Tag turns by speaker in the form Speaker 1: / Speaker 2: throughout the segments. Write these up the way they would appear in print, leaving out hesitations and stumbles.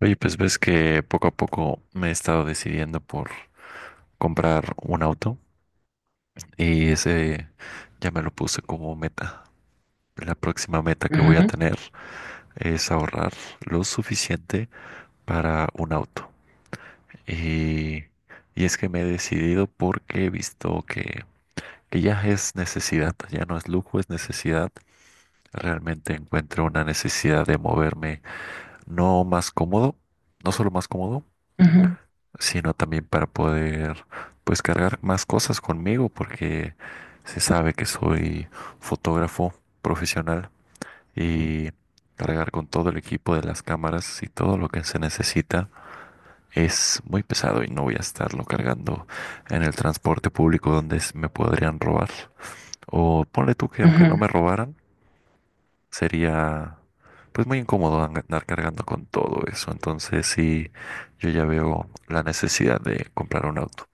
Speaker 1: Oye, pues ves que poco a poco me he estado decidiendo por comprar un auto y ese ya me lo puse como meta. La próxima meta que voy a
Speaker 2: Ujú,
Speaker 1: tener es ahorrar lo suficiente para un auto. Y, y es que me he decidido porque he visto que ya es necesidad, ya no es lujo, es necesidad. Realmente encuentro una necesidad de moverme, no más cómodo, no solo más cómodo,
Speaker 2: ujú,
Speaker 1: sino también para poder pues cargar más cosas conmigo porque se sabe que soy fotógrafo profesional y cargar con todo el equipo de las cámaras y todo lo que se necesita es muy pesado y no voy a estarlo cargando en el transporte público donde me podrían robar. O ponle tú que aunque no
Speaker 2: ujú,
Speaker 1: me robaran, sería pues muy incómodo andar cargando con todo eso. Entonces sí, yo ya veo la necesidad de comprar un auto.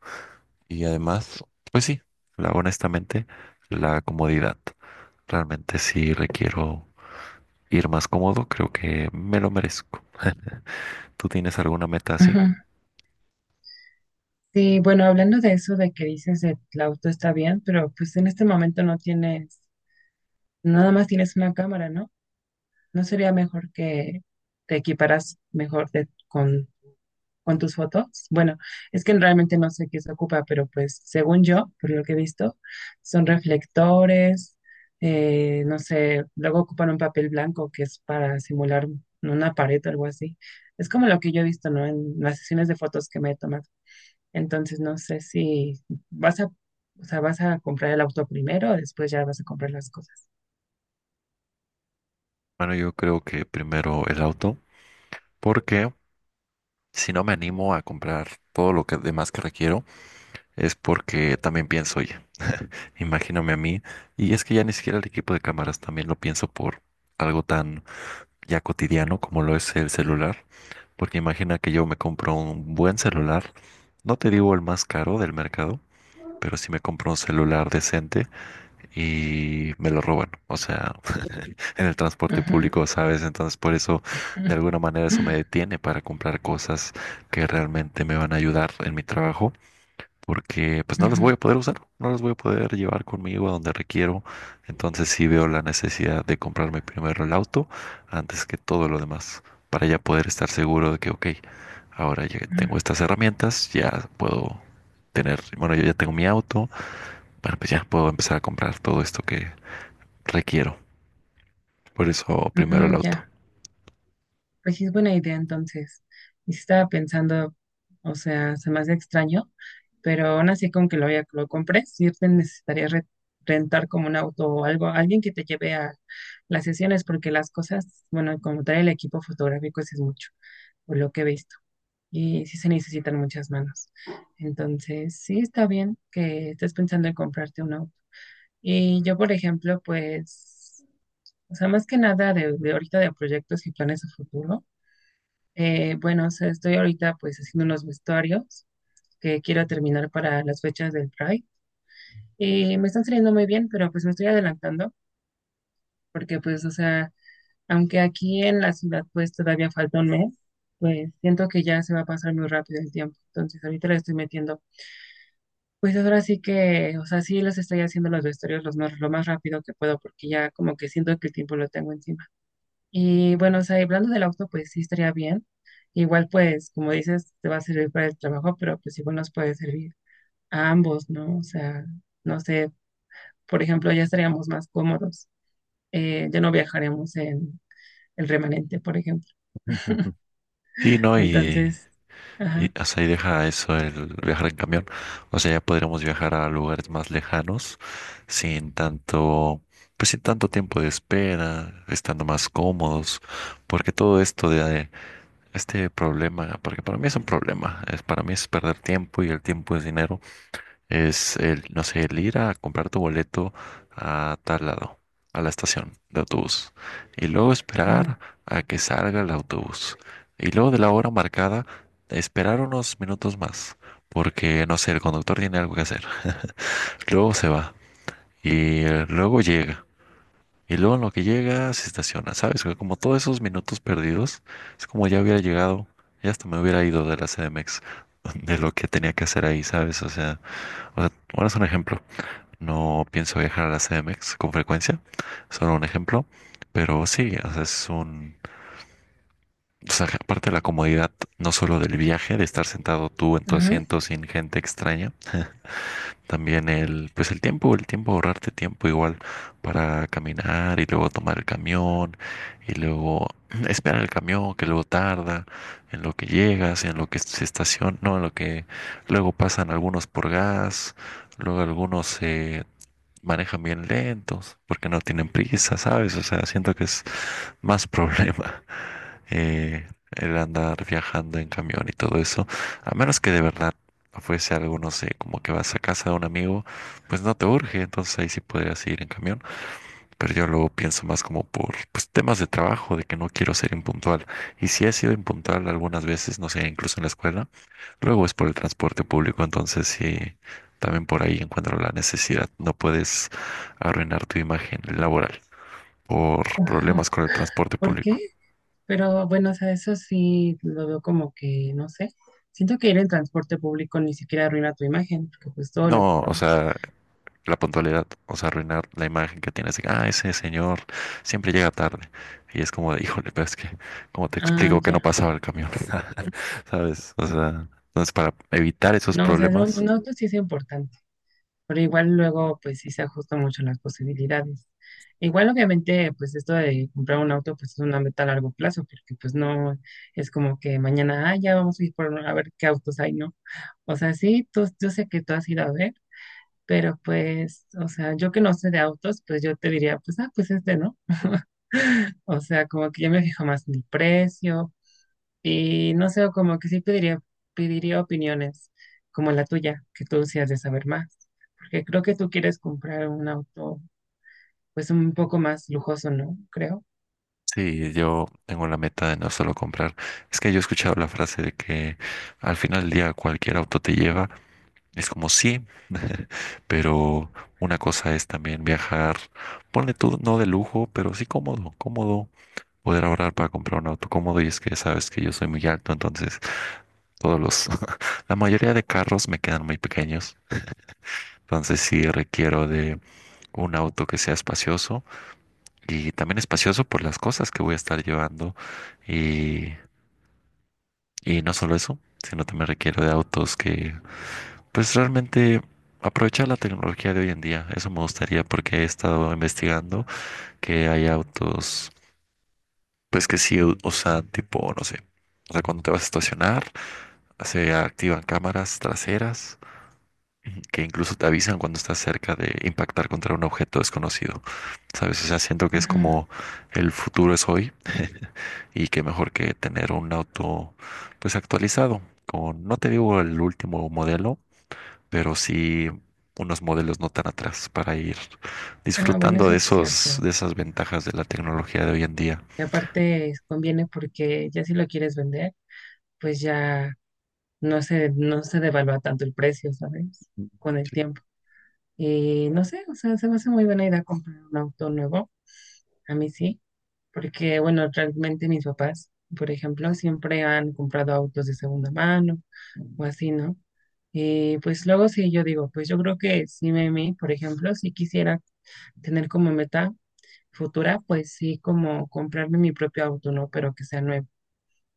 Speaker 1: Y además, pues sí, honestamente, la comodidad. Realmente si requiero ir más cómodo, creo que me lo merezco. ¿Tú tienes alguna meta así?
Speaker 2: ujú. Sí, bueno, hablando de eso de que dices el auto está bien, pero pues en este momento no tienes, nada más tienes una cámara, ¿no? ¿No sería mejor que te equiparas mejor con tus fotos? Bueno, es que realmente no sé qué se ocupa, pero pues según yo, por lo que he visto, son reflectores, no sé, luego ocupan un papel blanco que es para simular una pared o algo así. Es como lo que yo he visto, ¿no? En las sesiones de fotos que me he tomado. Entonces no sé si o sea, vas a comprar el auto primero o después ya vas a comprar las cosas.
Speaker 1: Bueno, yo creo que primero el auto, porque si no me animo a comprar todo lo que demás que requiero, es porque también pienso, oye, imagíname a mí, y es que ya ni siquiera el equipo de cámaras también lo pienso por algo tan ya cotidiano como lo es el celular, porque imagina que yo me compro un buen celular, no te digo el más caro del mercado, pero sí me compro un celular decente y me lo roban, o sea, en el transporte
Speaker 2: Ujú.
Speaker 1: público, ¿sabes? Entonces por eso, de alguna manera,
Speaker 2: Ujú,
Speaker 1: eso me detiene para comprar cosas que realmente me van a ayudar en mi trabajo porque pues no las voy a poder usar, no las voy a poder llevar conmigo a donde requiero. Entonces sí veo la necesidad de comprarme primero el auto antes que todo lo demás, para ya poder estar seguro de que, ok, ahora ya
Speaker 2: ujú.
Speaker 1: tengo estas herramientas, ya puedo tener, bueno, yo ya tengo mi auto, bueno, pues ya puedo empezar a comprar todo esto que requiero. Por eso primero el
Speaker 2: Mm,
Speaker 1: auto.
Speaker 2: ya, pues sí es buena idea entonces. Y sí estaba pensando, o sea, se me hace extraño, pero aún así con que lo compres, sí te necesitaría rentar como un auto o algo, alguien que te lleve a las sesiones, porque las cosas, bueno, como tal el equipo fotográfico, sí es mucho, por lo que he visto. Y sí se necesitan muchas manos. Entonces, sí está bien que estés pensando en comprarte un auto. Y yo, por ejemplo, pues, o sea, más que nada de ahorita de proyectos y planes a futuro. Bueno, o sea, estoy ahorita pues haciendo unos vestuarios que quiero terminar para las fechas del Pride. Y me están saliendo muy bien, pero pues me estoy adelantando porque pues, o sea, aunque aquí en la ciudad pues todavía falta un mes, pues siento que ya se va a pasar muy rápido el tiempo. Entonces, ahorita le estoy metiendo. Pues ahora sí que, o sea, sí los estoy haciendo los vestuarios lo más rápido que puedo porque ya como que siento que el tiempo lo tengo encima. Y bueno, o sea, y hablando del auto, pues sí estaría bien. Igual pues, como dices, te va a servir para el trabajo, pero pues igual nos puede servir a ambos, ¿no? O sea, no sé, por ejemplo, ya estaríamos más cómodos. Ya no viajaremos en el remanente, por ejemplo.
Speaker 1: Sí, ¿no? Y
Speaker 2: Entonces,
Speaker 1: y
Speaker 2: ajá,
Speaker 1: hasta ahí deja eso el viajar en camión. O sea, ya podríamos viajar a lugares más lejanos sin tanto, pues sin tanto tiempo de espera, estando más cómodos, porque todo esto de este problema, porque para mí es un problema, es para mí es perder tiempo y el tiempo es dinero es el, no sé, el ir a comprar tu boleto a tal lado, a la estación de autobús, y luego esperar
Speaker 2: ajá,
Speaker 1: a que salga el autobús, y luego de la hora marcada, esperar unos minutos más, porque, no sé, el conductor tiene algo que hacer, luego se va, y luego llega. Y luego en lo que llega se estaciona, ¿sabes? Como todos esos minutos perdidos, es como ya hubiera llegado, ya hasta me hubiera ido de la CDMX, de lo que tenía que hacer ahí, ¿sabes? O sea, bueno, es un ejemplo. No pienso viajar a la CDMX con frecuencia, solo un ejemplo, pero sí, o sea, o sea, aparte de la comodidad, no solo del viaje, de estar sentado tú en tu
Speaker 2: ajá.
Speaker 1: asiento sin gente extraña, también pues el tiempo, ahorrarte tiempo igual para caminar y luego tomar el camión y luego esperar el camión que luego tarda, en lo que se estaciona, no, en lo que luego pasan algunos por gas, luego algunos se manejan bien lentos, porque no tienen prisa, ¿sabes? O sea, siento que es más problema eh, el andar viajando en camión y todo eso, a menos que de verdad fuese algo, no sé, como que vas a casa de un amigo, pues no te urge, entonces ahí sí podrías ir en camión, pero yo luego pienso más como por pues, temas de trabajo, de que no quiero ser impuntual, y sí he sido impuntual algunas veces, no sé, incluso en la escuela, luego es por el transporte público, entonces sí, también por ahí encuentro la necesidad. No puedes arruinar tu imagen laboral por problemas con el transporte
Speaker 2: ¿Por qué?
Speaker 1: público.
Speaker 2: Pero bueno, o sea, eso sí lo veo como que, no sé, siento que ir en transporte público ni siquiera arruina tu imagen, porque pues todo lo
Speaker 1: No, o
Speaker 2: ocupamos.
Speaker 1: sea, la puntualidad, o sea, arruinar la imagen que tienes, de que, ah, ese señor siempre llega tarde. Y es como de, híjole, pero es que, ¿cómo te
Speaker 2: Ah,
Speaker 1: explico que no
Speaker 2: ya.
Speaker 1: pasaba el camión? ¿Sabes? O sea, entonces para evitar esos
Speaker 2: No, o sea,
Speaker 1: problemas.
Speaker 2: un auto sí es importante, pero igual luego pues sí se ajustan mucho las posibilidades. Igual obviamente pues esto de comprar un auto pues es una meta a largo plazo, porque pues no es como que mañana, ah, ya vamos a ir por a ver qué autos hay, ¿no? O sea, sí, tú, yo sé que tú has ido a ver, pero pues, o sea, yo que no sé de autos, pues yo te diría, pues, ah, pues este, ¿no? O sea, como que yo me fijo más en el precio y no sé, como que sí pediría, pediría opiniones como la tuya, que tú sí has de saber más, porque creo que tú quieres comprar un auto pues un poco más lujoso, ¿no? Creo.
Speaker 1: Sí, yo tengo la meta de no solo comprar. Es que yo he escuchado la frase de que al final del día cualquier auto te lleva. Es como sí, pero una cosa es también viajar, ponle tú, no de lujo, pero sí cómodo, cómodo. Poder ahorrar para comprar un auto cómodo y es que sabes que yo soy muy alto, entonces todos los, la mayoría de carros me quedan muy pequeños. Entonces sí requiero de un auto que sea espacioso y también espacioso por las cosas que voy a estar llevando. y Y no solo eso, sino también requiero de pues realmente aprovechar la tecnología de hoy en día. Eso me gustaría porque he estado investigando que hay autos, pues que sí usan tipo, no sé, o sea, cuando te vas a estacionar, se activan cámaras traseras, ujú, que incluso te avisan cuando estás cerca de impactar contra un objeto desconocido. ¿Sabes? O sea, siento que es
Speaker 2: Ajá.
Speaker 1: como el futuro es hoy y que mejor que tener un auto, pues actualizado. Con, no te digo el último modelo, pero sí unos modelos no tan atrás para ir
Speaker 2: Ah, bueno,
Speaker 1: disfrutando
Speaker 2: eso
Speaker 1: de
Speaker 2: sí es cierto.
Speaker 1: de esas ventajas de la tecnología de hoy en día.
Speaker 2: Y aparte conviene porque ya si lo quieres vender, pues ya no se devalúa tanto el precio, ¿sabes? Con el tiempo. Y no sé, o sea, se me hace muy buena idea comprar un auto nuevo. A mí sí. Porque bueno, realmente mis papás, por ejemplo, siempre han comprado autos de segunda mano o así, ¿no? Y pues luego sí, yo digo, pues yo creo que sí, mí, por ejemplo, si quisiera tener como meta futura, pues sí, como comprarme mi propio auto, ¿no? Pero que sea nuevo.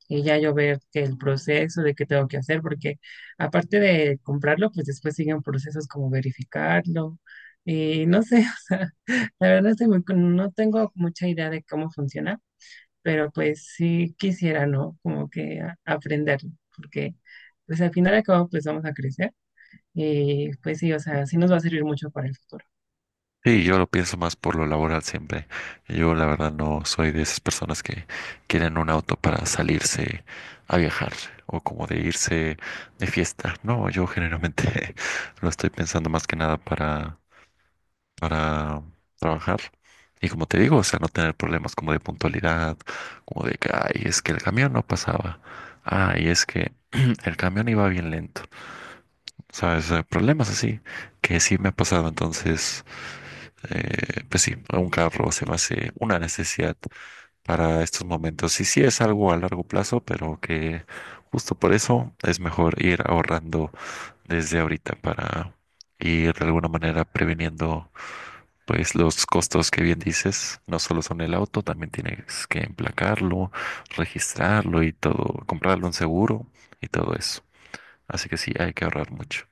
Speaker 2: Y ya yo ver que el proceso de qué tengo que hacer, porque aparte de comprarlo, pues después siguen procesos como verificarlo. Y no sé, o sea, la verdad estoy muy no tengo mucha idea de cómo funciona, pero pues sí quisiera, ¿no? Como que aprenderlo, porque pues al final y al cabo pues vamos a crecer y pues sí, o sea, sí nos va a servir mucho para el futuro.
Speaker 1: Sí, yo lo pienso más por lo laboral siempre. Yo la verdad no soy de esas personas que quieren un auto para salirse a viajar o como de irse de fiesta. No, yo generalmente lo estoy pensando más que nada para trabajar. Y como te digo, o sea, no tener problemas como de puntualidad, como de que, ay, es que el camión no pasaba, ay, es que el camión iba bien lento, ¿sabes? Problemas así que sí me ha pasado. Entonces, pues sí, un carro se me hace una necesidad para estos momentos. Y sí es algo a largo plazo, pero que justo por eso es mejor ir ahorrando desde ahorita para ir de alguna manera previniendo pues los costos que bien dices, no solo son el auto, también tienes que emplacarlo, registrarlo y todo, comprarle un seguro y todo eso. Así que sí, hay que ahorrar mucho.